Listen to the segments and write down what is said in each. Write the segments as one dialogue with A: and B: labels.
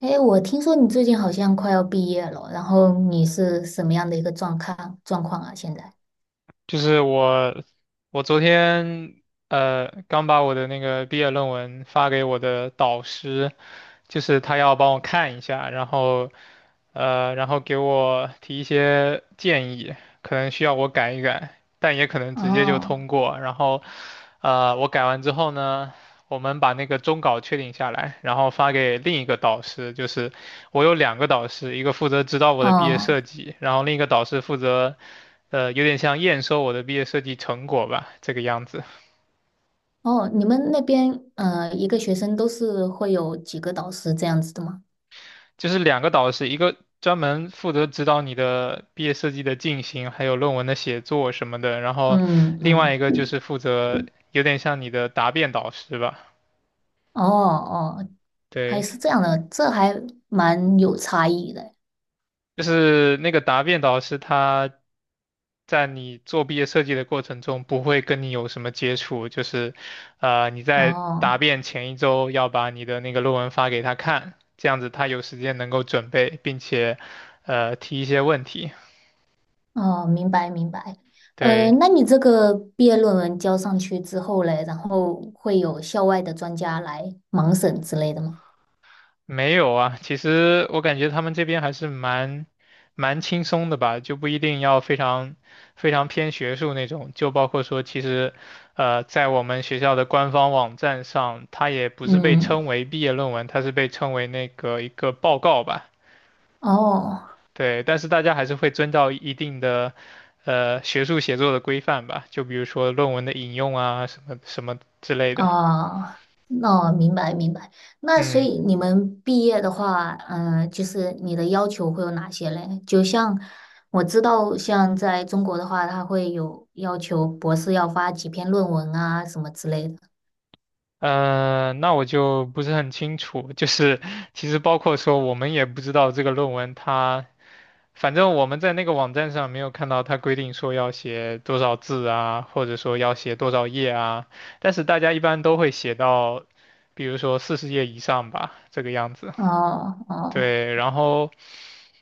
A: 哎，我听说你最近好像快要毕业了，然后你是什么样的一个状况啊？现在？
B: 就是我昨天刚把我的那个毕业论文发给我的导师，就是他要帮我看一下，然后给我提一些建议，可能需要我改一改，但也可能直接就通
A: 哦，
B: 过。然后我改完之后呢，我们把那个终稿确定下来，然后发给另一个导师，就是我有两个导师，一个负责指导我的毕业
A: 哦，
B: 设计，然后另一个导师负责。有点像验收我的毕业设计成果吧，这个样子。
A: 哦，你们那边一个学生都是会有几个导师这样子的吗？
B: 就是两个导师，一个专门负责指导你的毕业设计的进行，还有论文的写作什么的，然后
A: 嗯
B: 另外
A: 嗯，
B: 一个就是负责有点像你的答辩导师吧。
A: 哦哦，还
B: 对，
A: 是这样的，这还蛮有差异的。
B: 就是那个答辩导师，他在你做毕业设计的过程中，不会跟你有什么接触，就是，你在答
A: 哦
B: 辩前1周要把你的那个论文发给他看，这样子他有时间能够准备，并且，提一些问题。
A: 哦，明白明白。
B: 对，
A: 那你这个毕业论文交上去之后嘞，然后会有校外的专家来盲审之类的吗？
B: 没有啊，其实我感觉他们这边还是蛮轻松的吧，就不一定要非常非常偏学术那种。就包括说，其实在我们学校的官方网站上，它也不是被
A: 嗯。
B: 称为毕业论文，它是被称为那个一个报告吧。
A: 哦
B: 对，但是大家还是会遵照一定的学术写作的规范吧，就比如说论文的引用啊，什么什么之类的。
A: 哦，那我明白明白。那所
B: 嗯。
A: 以你们毕业的话，就是你的要求会有哪些嘞？就像我知道，像在中国的话，他会有要求博士要发几篇论文啊，什么之类的。
B: 那我就不是很清楚，就是其实包括说我们也不知道这个论文它，反正我们在那个网站上没有看到它规定说要写多少字啊，或者说要写多少页啊，但是大家一般都会写到，比如说40页以上吧，这个样子。
A: 哦哦，
B: 对，然后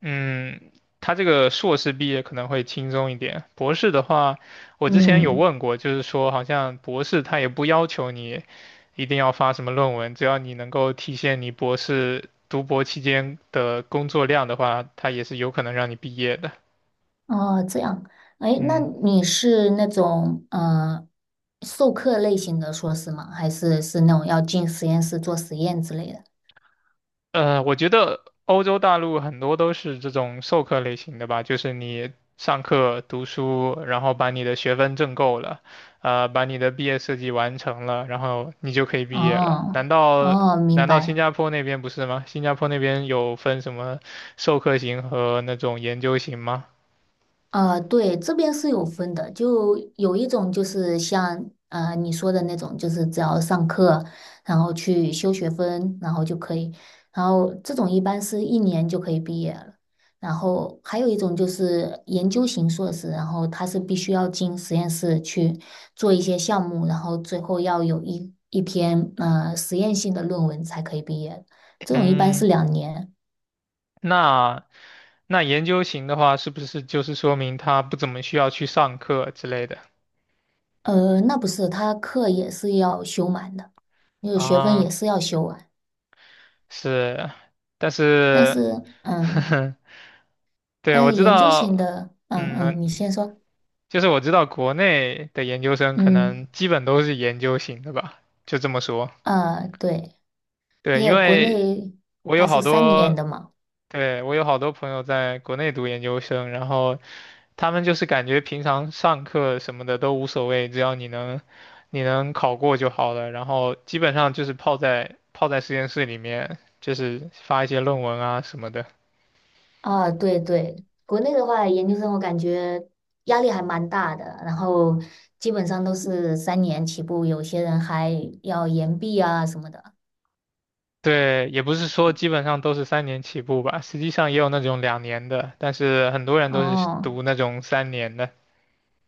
B: 嗯，他这个硕士毕业可能会轻松一点，博士的话，我之前有
A: 嗯，
B: 问过，就是说好像博士他也不要求你一定要发什么论文，只要你能够体现你博士读博期间的工作量的话，他也是有可能让你毕业的。
A: 哦，这样。哎，那
B: 嗯。
A: 你是那种授课类型的硕士吗？还是那种要进实验室做实验之类的？
B: 我觉得欧洲大陆很多都是这种授课类型的吧，就是你上课读书，然后把你的学分挣够了，把你的毕业设计完成了，然后你就可以毕业了。
A: 哦
B: 难道
A: 哦，明
B: 难道新
A: 白。
B: 加坡那边不是吗？新加坡那边有分什么授课型和那种研究型吗？
A: 对，这边是有分的，就有一种就是像你说的那种，就是只要上课，然后去修学分，然后就可以，然后这种一般是1年就可以毕业了。然后还有一种就是研究型硕士，然后他是必须要进实验室去做一些项目，然后最后要有一篇实验性的论文才可以毕业。这种一般
B: 嗯，
A: 是2年。
B: 那那研究型的话，是不是就是说明他不怎么需要去上课之类的
A: 那不是，他课也是要修满的，那个学分
B: 啊？
A: 也是要修完。
B: 是，但
A: 但
B: 是，
A: 是，
B: 呵呵，对，
A: 但
B: 我
A: 是
B: 知
A: 研究型
B: 道，
A: 的，嗯
B: 嗯，
A: 嗯，你先说，
B: 就是我知道国内的研究生可
A: 嗯
B: 能基本都是研究型的吧，就这么说。
A: 啊，对，而
B: 对，因
A: 且国
B: 为
A: 内
B: 我有
A: 还
B: 好
A: 是三年
B: 多，
A: 的嘛，
B: 对，我有好多朋友在国内读研究生，然后他们就是感觉平常上课什么的都无所谓，只要你能考过就好了，然后基本上就是泡在实验室里面，就是发一些论文啊什么的。
A: 啊，对对，国内的话，研究生我感觉压力还蛮大的，然后基本上都是三年起步，有些人还要延毕啊什么的。
B: 对，也不是说基本上都是三年起步吧，实际上也有那种2年的，但是很多人都是
A: 哦，
B: 读那种三年的。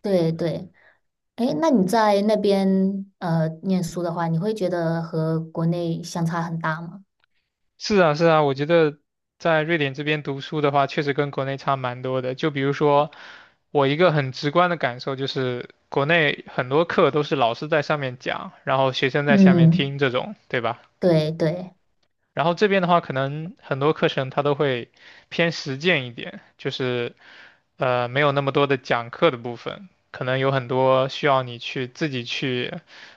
A: 对对。诶，那你在那边念书的话，你会觉得和国内相差很大吗？
B: 是啊，是啊，我觉得在瑞典这边读书的话，确实跟国内差蛮多的。就比如说，我一个很直观的感受就是，国内很多课都是老师在上面讲，然后学生在下面
A: 嗯，
B: 听这种，对吧？
A: 对对，
B: 然后这边的话，可能很多课程它都会偏实践一点，就是没有那么多的讲课的部分，可能有很多需要你去自己去，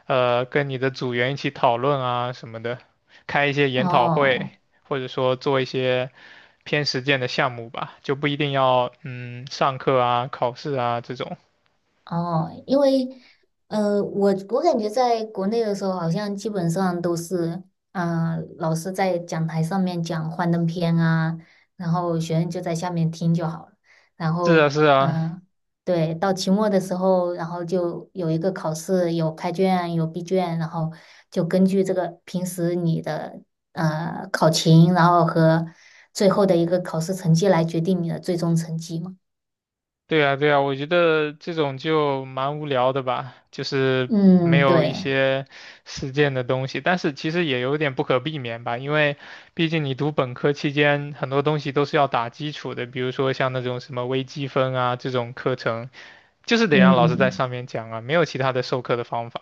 B: 跟你的组员一起讨论啊什么的，开一些研讨会，
A: 哦。
B: 或者说做一些偏实践的项目吧，就不一定要上课啊、考试啊这种。
A: 哦，因为我感觉在国内的时候，好像基本上都是，老师在讲台上面讲幻灯片啊，然后学生就在下面听就好了。然
B: 是啊，
A: 后，
B: 是啊，
A: 嗯、对，到期末的时候，然后就有一个考试，有开卷，有闭卷，然后就根据这个平时你的考勤，然后和最后的一个考试成绩来决定你的最终成绩嘛。
B: 对啊，对啊，我觉得这种就蛮无聊的吧，就是没
A: 嗯，
B: 有一
A: 对，
B: 些实践的东西，但是其实也有点不可避免吧，因为毕竟你读本科期间很多东西都是要打基础的，比如说像那种什么微积分啊这种课程，就是得让老师在
A: 嗯。
B: 上面讲啊，没有其他的授课的方法。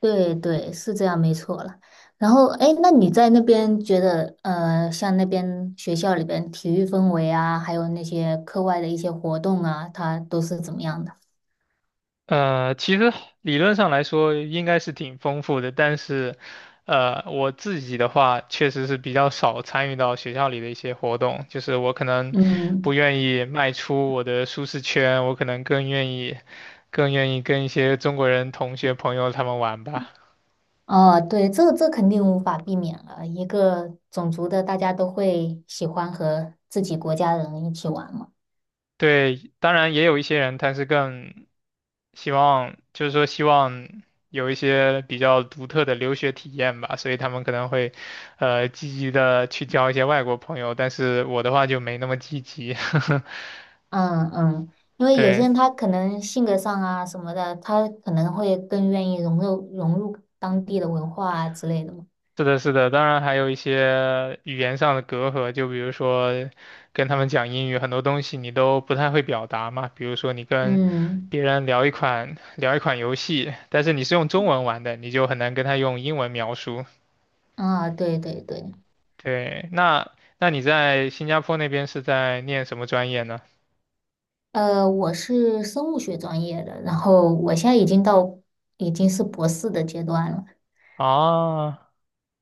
A: 对对，是这样，没错了。然后，哎，那你在那边觉得，像那边学校里边体育氛围啊，还有那些课外的一些活动啊，它都是怎么样的？
B: 其实理论上来说应该是挺丰富的，但是，我自己的话确实是比较少参与到学校里的一些活动，就是我可能不
A: 嗯，
B: 愿意迈出我的舒适圈，我可能更愿意，更愿意跟一些中国人同学朋友他们玩吧。
A: 哦，对，这肯定无法避免了。一个种族的，大家都会喜欢和自己国家人一起玩嘛。
B: 对，当然也有一些人他是更希望就是说希望有一些比较独特的留学体验吧，所以他们可能会，积极的去交一些外国朋友，但是我的话就没那么积极。
A: 嗯嗯，因 为有些
B: 对，
A: 人他可能性格上啊什么的，他可能会更愿意融入当地的文化啊之类的嘛。
B: 是的，是的，当然还有一些语言上的隔阂，就比如说跟他们讲英语，很多东西你都不太会表达嘛，比如说你跟
A: 嗯。
B: 别人聊一款游戏，但是你是用中文玩的，你就很难跟他用英文描述。
A: 啊，对对对，
B: 对，那你在新加坡那边是在念什么专业呢？
A: 我是生物学专业的，然后我现在已经是博士的阶段了，
B: 啊，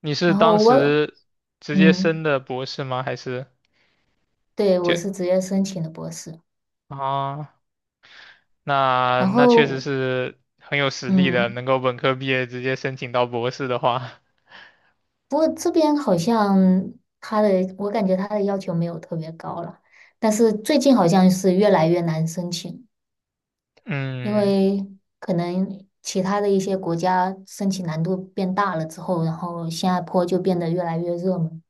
B: 你是
A: 然
B: 当
A: 后我，
B: 时直接
A: 嗯，
B: 升的博士吗？还是
A: 对，
B: 就
A: 我是直接申请的博士，
B: 啊？那
A: 然
B: 那确实
A: 后，
B: 是很有实力的，
A: 嗯，
B: 能够本科毕业直接申请到博士的话，
A: 不过这边好像他的，我感觉他的要求没有特别高了，但是最近好像是越来越难申请，因
B: 嗯，
A: 为可能其他的一些国家申请难度变大了之后，然后新加坡就变得越来越热门。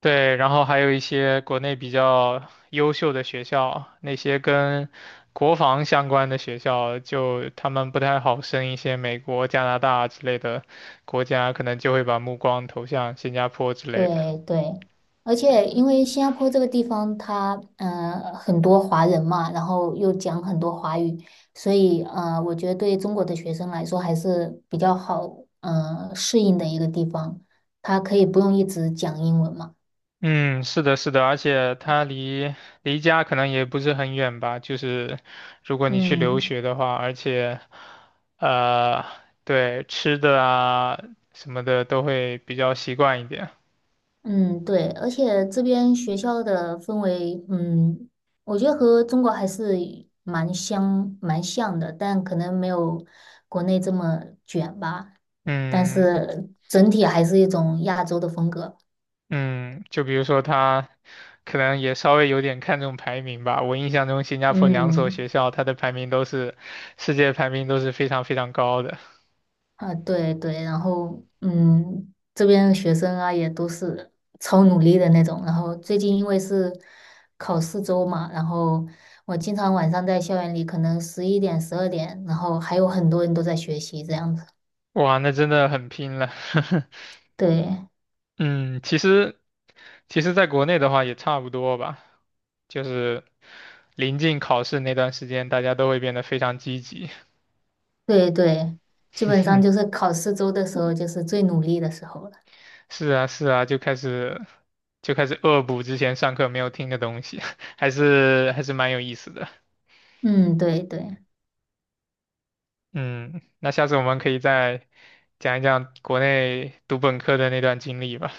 B: 对，然后还有一些国内比较优秀的学校，那些跟国防相关的学校，就他们不太好升一些美国、加拿大之类的国家，可能就会把目光投向新加坡之类的。
A: 对对，而且因为新加坡这个地方它，很多华人嘛，然后又讲很多华语，所以我觉得对中国的学生来说还是比较好，适应的一个地方。他可以不用一直讲英文嘛。
B: 嗯，是的，是的，而且它离家可能也不是很远吧，就是如果你去留
A: 嗯
B: 学的话，而且，呃，对，吃的啊什么的都会比较习惯一点。
A: 嗯，对，而且这边学校的氛围，我觉得和中国还是蛮像的，但可能没有国内这么卷吧。但
B: 嗯，
A: 是整体还是一种亚洲的风格。
B: 嗯，就比如说他可能也稍微有点看重排名吧。我印象中，新加坡两所
A: 嗯，
B: 学校它的排名都是世界排名都是非常非常高的。
A: 啊，对对，然后这边的学生啊也都是超努力的那种。然后最近因为是考试周嘛，然后我经常晚上在校园里，可能11点、12点，然后还有很多人都在学习这样子。
B: 哇，那真的很拼了。
A: 对
B: 嗯，其实在国内的话也差不多吧，就是临近考试那段时间，大家都会变得非常积极。
A: 对对，基本上就是考试周的时候，就是最努力的时候了。
B: 是啊，是啊，就开始恶补之前上课没有听的东西，还是蛮有意思的。
A: 嗯，对对，
B: 嗯，那下次我们可以再讲一讲国内读本科的那段经历吧。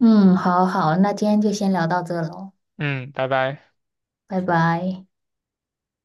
A: 嗯，好好，那今天就先聊到这喽，
B: 嗯，拜拜。
A: 拜拜。